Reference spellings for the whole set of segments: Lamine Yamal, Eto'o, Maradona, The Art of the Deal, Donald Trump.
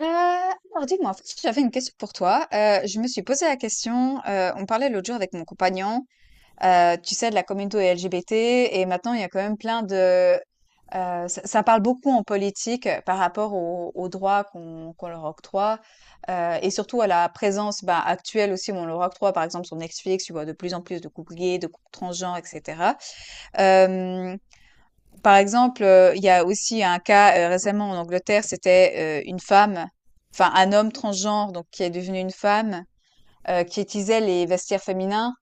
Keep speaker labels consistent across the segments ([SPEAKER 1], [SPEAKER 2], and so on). [SPEAKER 1] Heu, alors dis-moi, en fait, j'avais une question pour toi. Je me suis posé la question, on parlait l'autre jour avec mon compagnon, tu sais, de la communauté LGBT. Et maintenant, il y a quand même plein de, ça ça parle beaucoup en politique, par rapport aux droits qu'on leur octroie, heu et surtout à la présence, bah, actuelle aussi où on leur octroie, par exemple, sur Netflix, tu vois de plus en plus de couples gays, de couples transgenres et cetera. Hem Par exemple, il y a aussi un cas, récemment en Angleterre, c'était, une femme, enfin un homme transgenre donc qui est devenu une femme, qui utilisait les vestiaires féminins.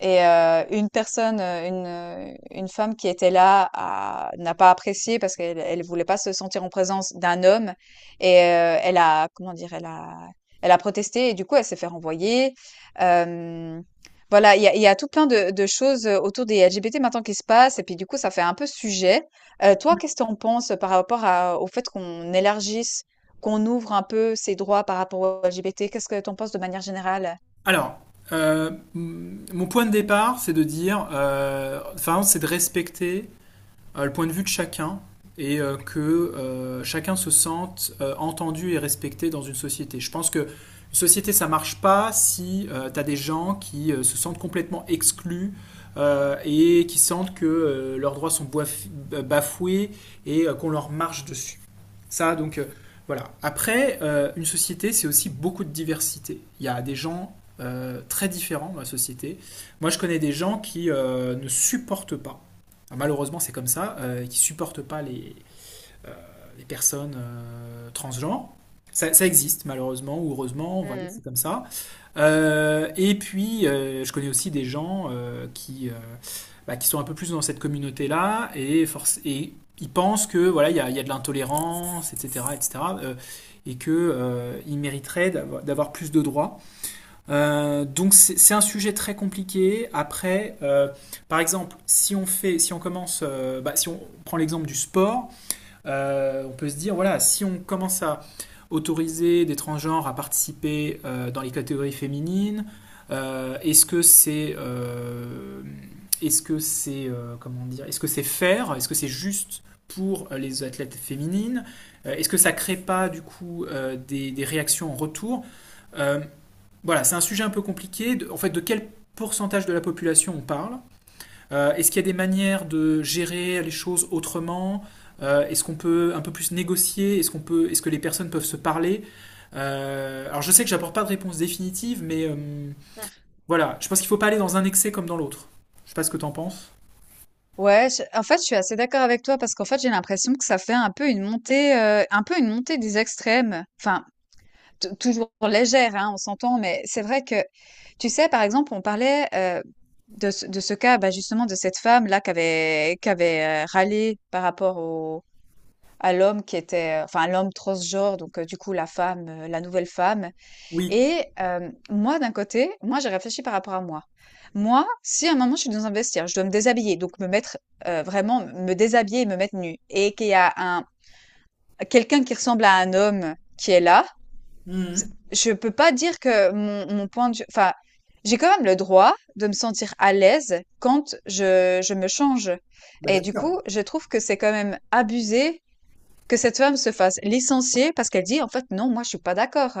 [SPEAKER 1] Et une personne, une, une femme qui était là n'a pas apprécié parce qu'elle elle voulait pas se sentir en présence d'un homme. Et elle a, comment dire, elle a protesté et du coup, elle s'est fait renvoyer. Euh, voilà, il y a tout plein de choses autour des LGBT maintenant qui se passent. Et puis du coup, ça fait un peu sujet. Toi, qu'est-ce que tu en penses par rapport au fait qu'on élargisse, qu'on ouvre un peu ces droits par rapport aux LGBT? Qu'est-ce que tu en penses de manière générale?
[SPEAKER 2] Alors, euh, mon point de départ, c'est de dire, enfin, c'est de respecter le point de vue de chacun et que chacun se sente entendu et respecté dans une société. Je pense que une société, ça marche pas si tu as des gens qui se sentent complètement exclus et qui sentent que leurs droits sont bafoués et qu'on leur marche dessus. Ça, donc, voilà. Après, une société, c'est aussi beaucoup de diversité. Il y a des gens très différents dans la société. Moi, je connais des gens qui ne supportent pas, ah, malheureusement, c'est comme ça, qui ne supportent pas euh, les personnes transgenres. Ça existe, malheureusement ou heureusement, voilà,
[SPEAKER 1] Mm.
[SPEAKER 2] c'est comme ça. Et puis, je connais aussi des gens bah, qui sont un peu plus dans cette communauté-là et, et ils pensent que voilà, il y a de l'intolérance, etc., etc., euh, et que ils mériteraient d'avoir plus de droits. Donc c'est un sujet très compliqué. Après, par exemple, si on prend l'exemple du sport, on peut se dire, voilà, si on commence à autoriser des transgenres à participer dans les catégories féminines. euh, est-ce que c'est... Euh, est-ce que c'est Comment dire? Est-ce que c'est juste pour les athlètes féminines? Est-ce que ça ne crée pas du coup des réactions en retour? euh, Voilà, c'est un sujet un peu compliqué. En fait, de quel pourcentage de la population on parle? Est-ce qu'il y a des manières de gérer les choses autrement? Est-ce qu'on peut un peu plus négocier? Est-ce que les personnes peuvent se parler? Alors je sais que j'apporte pas de réponse définitive, mais
[SPEAKER 1] Ah.
[SPEAKER 2] voilà, je pense qu'il faut pas aller dans un excès comme dans l'autre. Je sais pas ce que t'en penses.
[SPEAKER 1] Ouais, en fait, je suis assez d'accord avec toi parce qu'en fait, j'ai l'impression que ça fait un peu une montée des extrêmes. Enfin, toujours légère, hein, on s'entend, mais c'est vrai que, tu sais, par exemple, on parlait de ce cas, bah, justement, de cette femme-là qui avait, râlé par rapport à l'homme qui était, enfin, l'homme transgenre, donc du coup, la femme, la nouvelle femme.
[SPEAKER 2] Oui.
[SPEAKER 1] Et moi, d'un côté, moi, j'ai réfléchi par rapport à moi. Moi, si à un moment je suis dans un vestiaire, je dois me déshabiller, donc me mettre vraiment me déshabiller et me mettre nue, et qu'il y a un quelqu'un qui ressemble à un homme qui est là,
[SPEAKER 2] Mhm.
[SPEAKER 1] je peux pas dire que mon point de vue, enfin, j'ai quand même le droit de me sentir à l'aise quand je me change.
[SPEAKER 2] Bah
[SPEAKER 1] Et
[SPEAKER 2] bien
[SPEAKER 1] du
[SPEAKER 2] sûr.
[SPEAKER 1] coup, je trouve que c'est quand même abusé que cette femme se fasse licencier parce qu'elle dit en fait non, moi je suis pas d'accord.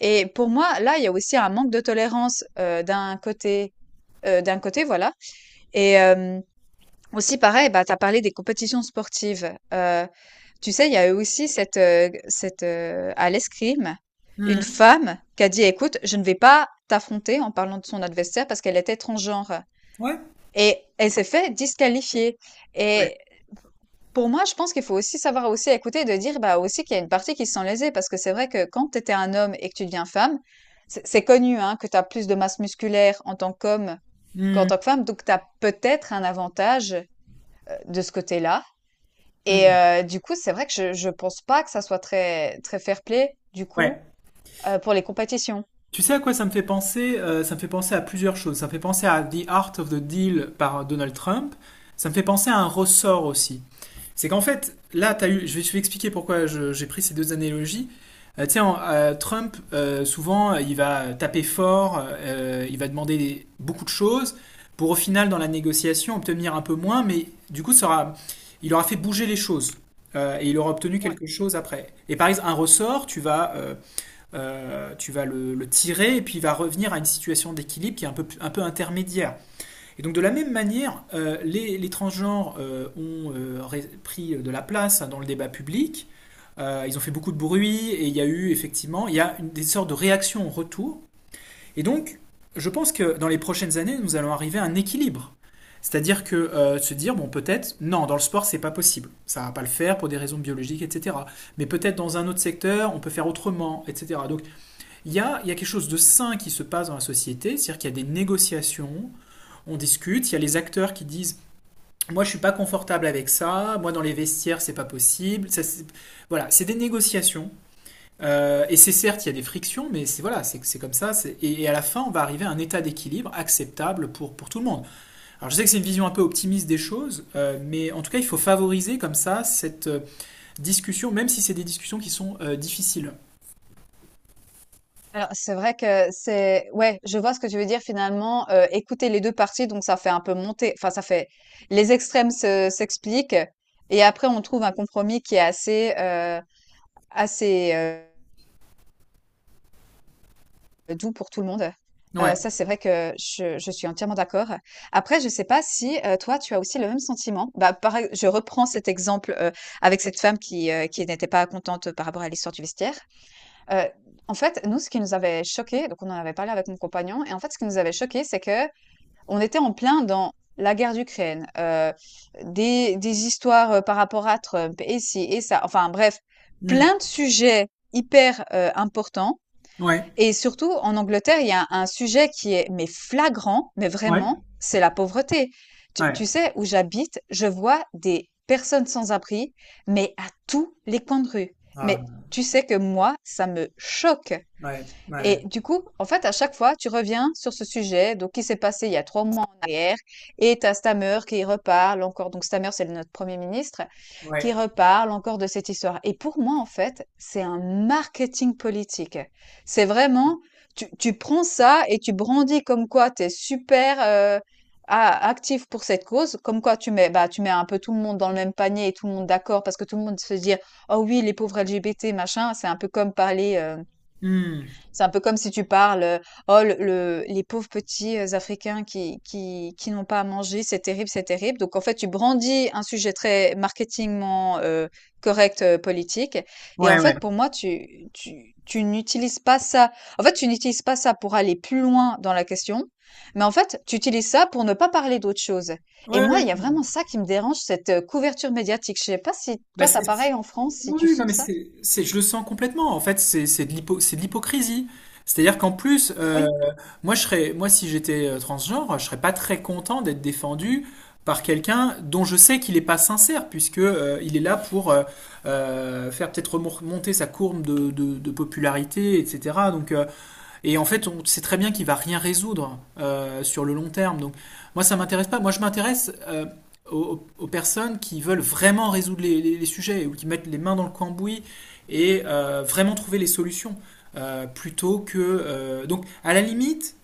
[SPEAKER 1] Et pour moi, là, il y a aussi un manque de tolérance d'un côté, voilà. Et aussi, pareil, bah, tu as parlé des compétitions sportives. Tu sais, il y a eu aussi cette, cette à l'escrime, une
[SPEAKER 2] Mhm.
[SPEAKER 1] femme qui a dit, écoute, je ne vais pas t'affronter en parlant de son adversaire parce qu'elle était transgenre.
[SPEAKER 2] Ouais.
[SPEAKER 1] Et elle s'est fait disqualifier.
[SPEAKER 2] Ouais.
[SPEAKER 1] Et pour moi, je pense qu'il faut aussi savoir aussi écouter et de dire bah aussi qu'il y a une partie qui se sent lésée parce que c'est vrai que quand tu étais un homme et que tu deviens femme, c'est connu hein, que tu as plus de masse musculaire en tant qu'homme qu'en
[SPEAKER 2] Mhm.
[SPEAKER 1] tant que femme, donc tu as peut-être un avantage de ce côté-là. Et
[SPEAKER 2] Mhm.
[SPEAKER 1] du coup, c'est vrai que je pense pas que ça soit très très fair-play du
[SPEAKER 2] Ouais.
[SPEAKER 1] coup pour les compétitions.
[SPEAKER 2] Tu sais à quoi ça me fait penser? Ça me fait penser à plusieurs choses. Ça me fait penser à The Art of the Deal par Donald Trump. Ça me fait penser à un ressort aussi. C'est qu'en fait, là, as eu, je vais te expliquer pourquoi j'ai pris ces deux analogies. Tiens, Trump, souvent, il va taper fort, il va demander beaucoup de choses pour au final, dans la négociation, obtenir un peu moins, mais du coup, il aura fait bouger les choses. Et il aura obtenu quelque chose après. Et par exemple, un ressort, tu vas le tirer et puis il va revenir à une situation d'équilibre qui est un peu intermédiaire. Et donc de la même manière, les transgenres ont pris de la place dans le débat public. Ils ont fait beaucoup de bruit et il y a eu effectivement il y a une, des sortes de réactions en retour. Et donc, je pense que dans les prochaines années, nous allons arriver à un équilibre. C'est-à-dire que se dire, bon, peut-être, non, dans le sport, c'est pas possible. Ça va pas le faire pour des raisons biologiques, etc. Mais peut-être dans un autre secteur, on peut faire autrement, etc. Donc, il y a quelque chose de sain qui se passe dans la société, c'est-à-dire qu'il y a des négociations, on discute, il y a les acteurs qui disent moi je suis pas confortable avec ça, moi dans les vestiaires c'est pas possible. Voilà, c'est des négociations. Et c'est certes, il y a des frictions, mais c'est voilà, c'est comme ça. Et à la fin, on va arriver à un état d'équilibre acceptable pour tout le monde. Alors je sais que c'est une vision un peu optimiste des choses, mais en tout cas, il faut favoriser comme ça cette discussion, même si c'est des discussions qui sont difficiles.
[SPEAKER 1] Alors, c'est vrai que c'est ouais, je vois ce que tu veux dire finalement, écouter les 2 parties donc ça fait un peu monter enfin ça fait les extrêmes se s'expliquent et après on trouve un compromis qui est assez, doux pour tout le monde.
[SPEAKER 2] Ouais.
[SPEAKER 1] Ça c'est vrai que je suis entièrement d'accord. Après je sais pas si, toi tu as aussi le même sentiment? Bah, pareil, je reprends cet exemple, avec cette femme qui n'était pas contente par rapport à l'histoire du vestiaire. Heu, En fait, nous, ce qui nous avait choqué, donc on en avait parlé avec mon compagnon et en fait, ce qui nous avait choqué, c'est que on était en plein dans la guerre d'Ukraine, des histoires, par rapport à Trump et ci et ça, enfin bref,
[SPEAKER 2] Hmm.
[SPEAKER 1] plein de sujets hyper, importants.
[SPEAKER 2] Ouais.
[SPEAKER 1] Et surtout en Angleterre, il y a un sujet qui est mais flagrant, mais
[SPEAKER 2] Ouais.
[SPEAKER 1] vraiment, c'est la pauvreté. Tu
[SPEAKER 2] Ouais.
[SPEAKER 1] tu sais, où j'habite, je vois des personnes sans abri, mais à tous les coins de rue. Mais
[SPEAKER 2] Ah.
[SPEAKER 1] tu sais que moi, ça me choque.
[SPEAKER 2] Ouais.
[SPEAKER 1] Et
[SPEAKER 2] Ouais.
[SPEAKER 1] du coup, en fait, à chaque fois, tu reviens sur ce sujet, donc qui s'est passé il y a 3 mois en arrière, et t'as Stammer qui reparle encore, donc Stammer, c'est notre Premier ministre, qui
[SPEAKER 2] Ouais.
[SPEAKER 1] reparle encore de cette histoire. Et pour moi, en fait, c'est un marketing politique. C'est vraiment, tu prends ça et tu brandis comme quoi tu es super actif pour cette cause, comme quoi tu mets, bah, tu mets un peu tout le monde dans le même panier et tout le monde d'accord, parce que tout le monde se dit, oh oui, les pauvres LGBT, machin,
[SPEAKER 2] Hmm.
[SPEAKER 1] c'est un peu comme si tu parles, oh, les pauvres petits Africains qui n'ont pas à manger, c'est terrible, c'est terrible. Donc, en fait, tu brandis un sujet très marketingment correct, politique. Et
[SPEAKER 2] Ouais.
[SPEAKER 1] en
[SPEAKER 2] Ouais.
[SPEAKER 1] fait, pour moi, tu n'utilises pas ça. En fait, tu n'utilises pas ça pour aller plus loin dans la question. Mais en fait, tu utilises ça pour ne pas parler d'autre chose. Et
[SPEAKER 2] Ouais.
[SPEAKER 1] moi,
[SPEAKER 2] Ouais.
[SPEAKER 1] il y a vraiment ça qui me dérange, cette couverture médiatique. Je sais pas si
[SPEAKER 2] Bah,
[SPEAKER 1] toi, t'as
[SPEAKER 2] c'est-
[SPEAKER 1] pareil en France, si tu
[SPEAKER 2] Oui, non, mais
[SPEAKER 1] sens ça.
[SPEAKER 2] je le sens complètement. En fait, c'est c'est de l'hypocrisie. C'est-à-dire qu'en plus, euh,
[SPEAKER 1] Oui,
[SPEAKER 2] moi, je serais, moi, si j'étais transgenre, je serais pas très content d'être défendu par quelqu'un dont je sais qu'il n'est pas sincère, puisque il est là pour faire peut-être monter sa courbe de popularité, etc. Donc, et en fait, on sait très bien qu'il va rien résoudre sur le long terme. Donc, moi, ça m'intéresse pas. Moi, je m'intéresse aux personnes qui veulent vraiment résoudre les sujets ou qui mettent les mains dans le cambouis et vraiment trouver les solutions plutôt que. Donc, à la limite,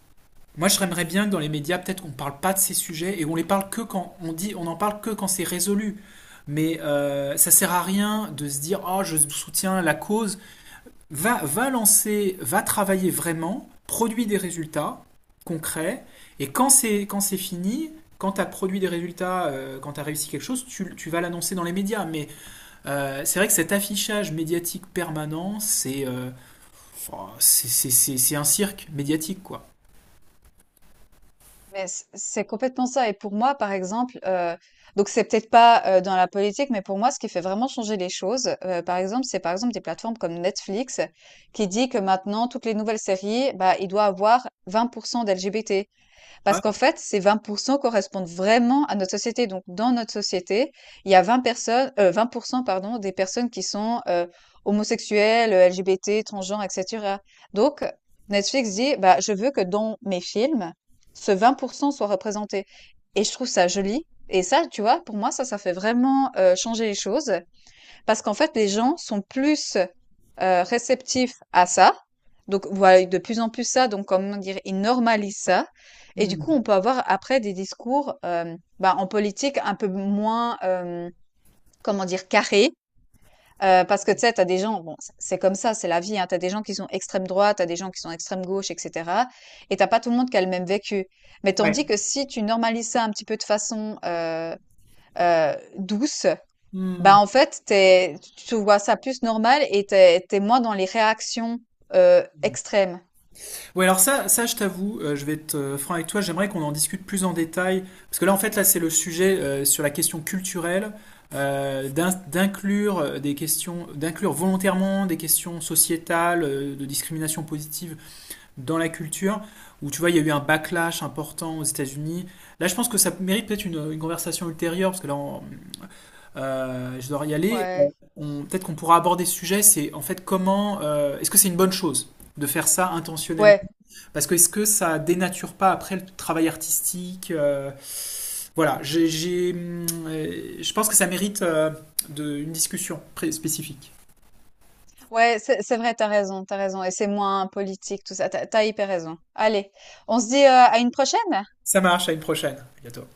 [SPEAKER 2] moi, je aimerais bien que dans les médias, peut-être qu'on parle pas de ces sujets et on les parle que on en parle que quand c'est résolu. Mais ça sert à rien de se dire, oh, je soutiens la cause. Va travailler vraiment, produis des résultats concrets, et quand c'est fini, quand tu as produit des résultats, quand tu as réussi quelque chose, tu vas l'annoncer dans les médias. Mais c'est vrai que cet affichage médiatique permanent, c'est oh, c'est un cirque médiatique, quoi.
[SPEAKER 1] mais c'est complètement ça. Et pour moi, par exemple, donc c'est peut-être pas dans la politique, mais pour moi, ce qui fait vraiment changer les choses, par exemple, c'est par exemple des plateformes comme Netflix qui dit que maintenant, toutes les nouvelles séries, bah, il doit avoir 20% d'LGBT.
[SPEAKER 2] Ah,
[SPEAKER 1] Parce
[SPEAKER 2] ouais.
[SPEAKER 1] qu'en fait, ces 20% correspondent vraiment à notre société. Donc, dans notre société, il y a 20 personnes, 20% pardon, des personnes qui sont homosexuelles, LGBT, transgenres, etc. Donc, Netflix dit, bah, je veux que dans mes films, ce 20% soit représenté. Et je trouve ça joli. Et ça, tu vois, pour moi, ça fait vraiment changer les choses. Parce qu'en fait, les gens sont plus réceptifs à ça. Donc, voilà, de plus en plus ça. Donc, comment dire, ils normalisent ça. Et du coup,
[SPEAKER 2] Hmm,
[SPEAKER 1] on peut avoir après des discours bah, en politique un peu moins, comment dire, carrés. Parce que tu sais, t'as des gens, bon, c'est comme ça, c'est la vie, hein, t'as des gens qui sont extrême droite, t'as des gens qui sont extrême gauche, etc. Et t'as pas tout le monde qui a le même vécu. Mais tandis
[SPEAKER 2] ouais.
[SPEAKER 1] que si tu normalises ça un petit peu de façon douce,
[SPEAKER 2] Hmm.
[SPEAKER 1] bah, en fait, tu vois ça plus normal et t'es moins dans les réactions extrêmes.
[SPEAKER 2] Ouais, alors ça je t'avoue, je vais être franc avec toi, j'aimerais qu'on en discute plus en détail, parce que là, en fait, là, c'est le sujet sur la question culturelle, d'inclure d'inclure volontairement des questions sociétales, de discrimination positive dans la culture, où tu vois, il y a eu un backlash important aux États-Unis. Là, je pense que ça mérite peut-être une conversation ultérieure, parce que là, je dois y aller.
[SPEAKER 1] Ouais,
[SPEAKER 2] Peut-être qu'on pourra aborder ce sujet, c'est en fait est-ce que c'est une bonne chose de faire ça intentionnellement?
[SPEAKER 1] ouais,
[SPEAKER 2] Parce que est-ce que ça dénature pas après le travail artistique? Voilà, je pense que ça mérite une discussion spécifique.
[SPEAKER 1] ouais, c'est vrai, t'as raison, t'as raison. Et c'est moins politique, tout ça. T'as hyper raison. Allez, on se dit à une prochaine?
[SPEAKER 2] Ça marche, à une prochaine. À bientôt.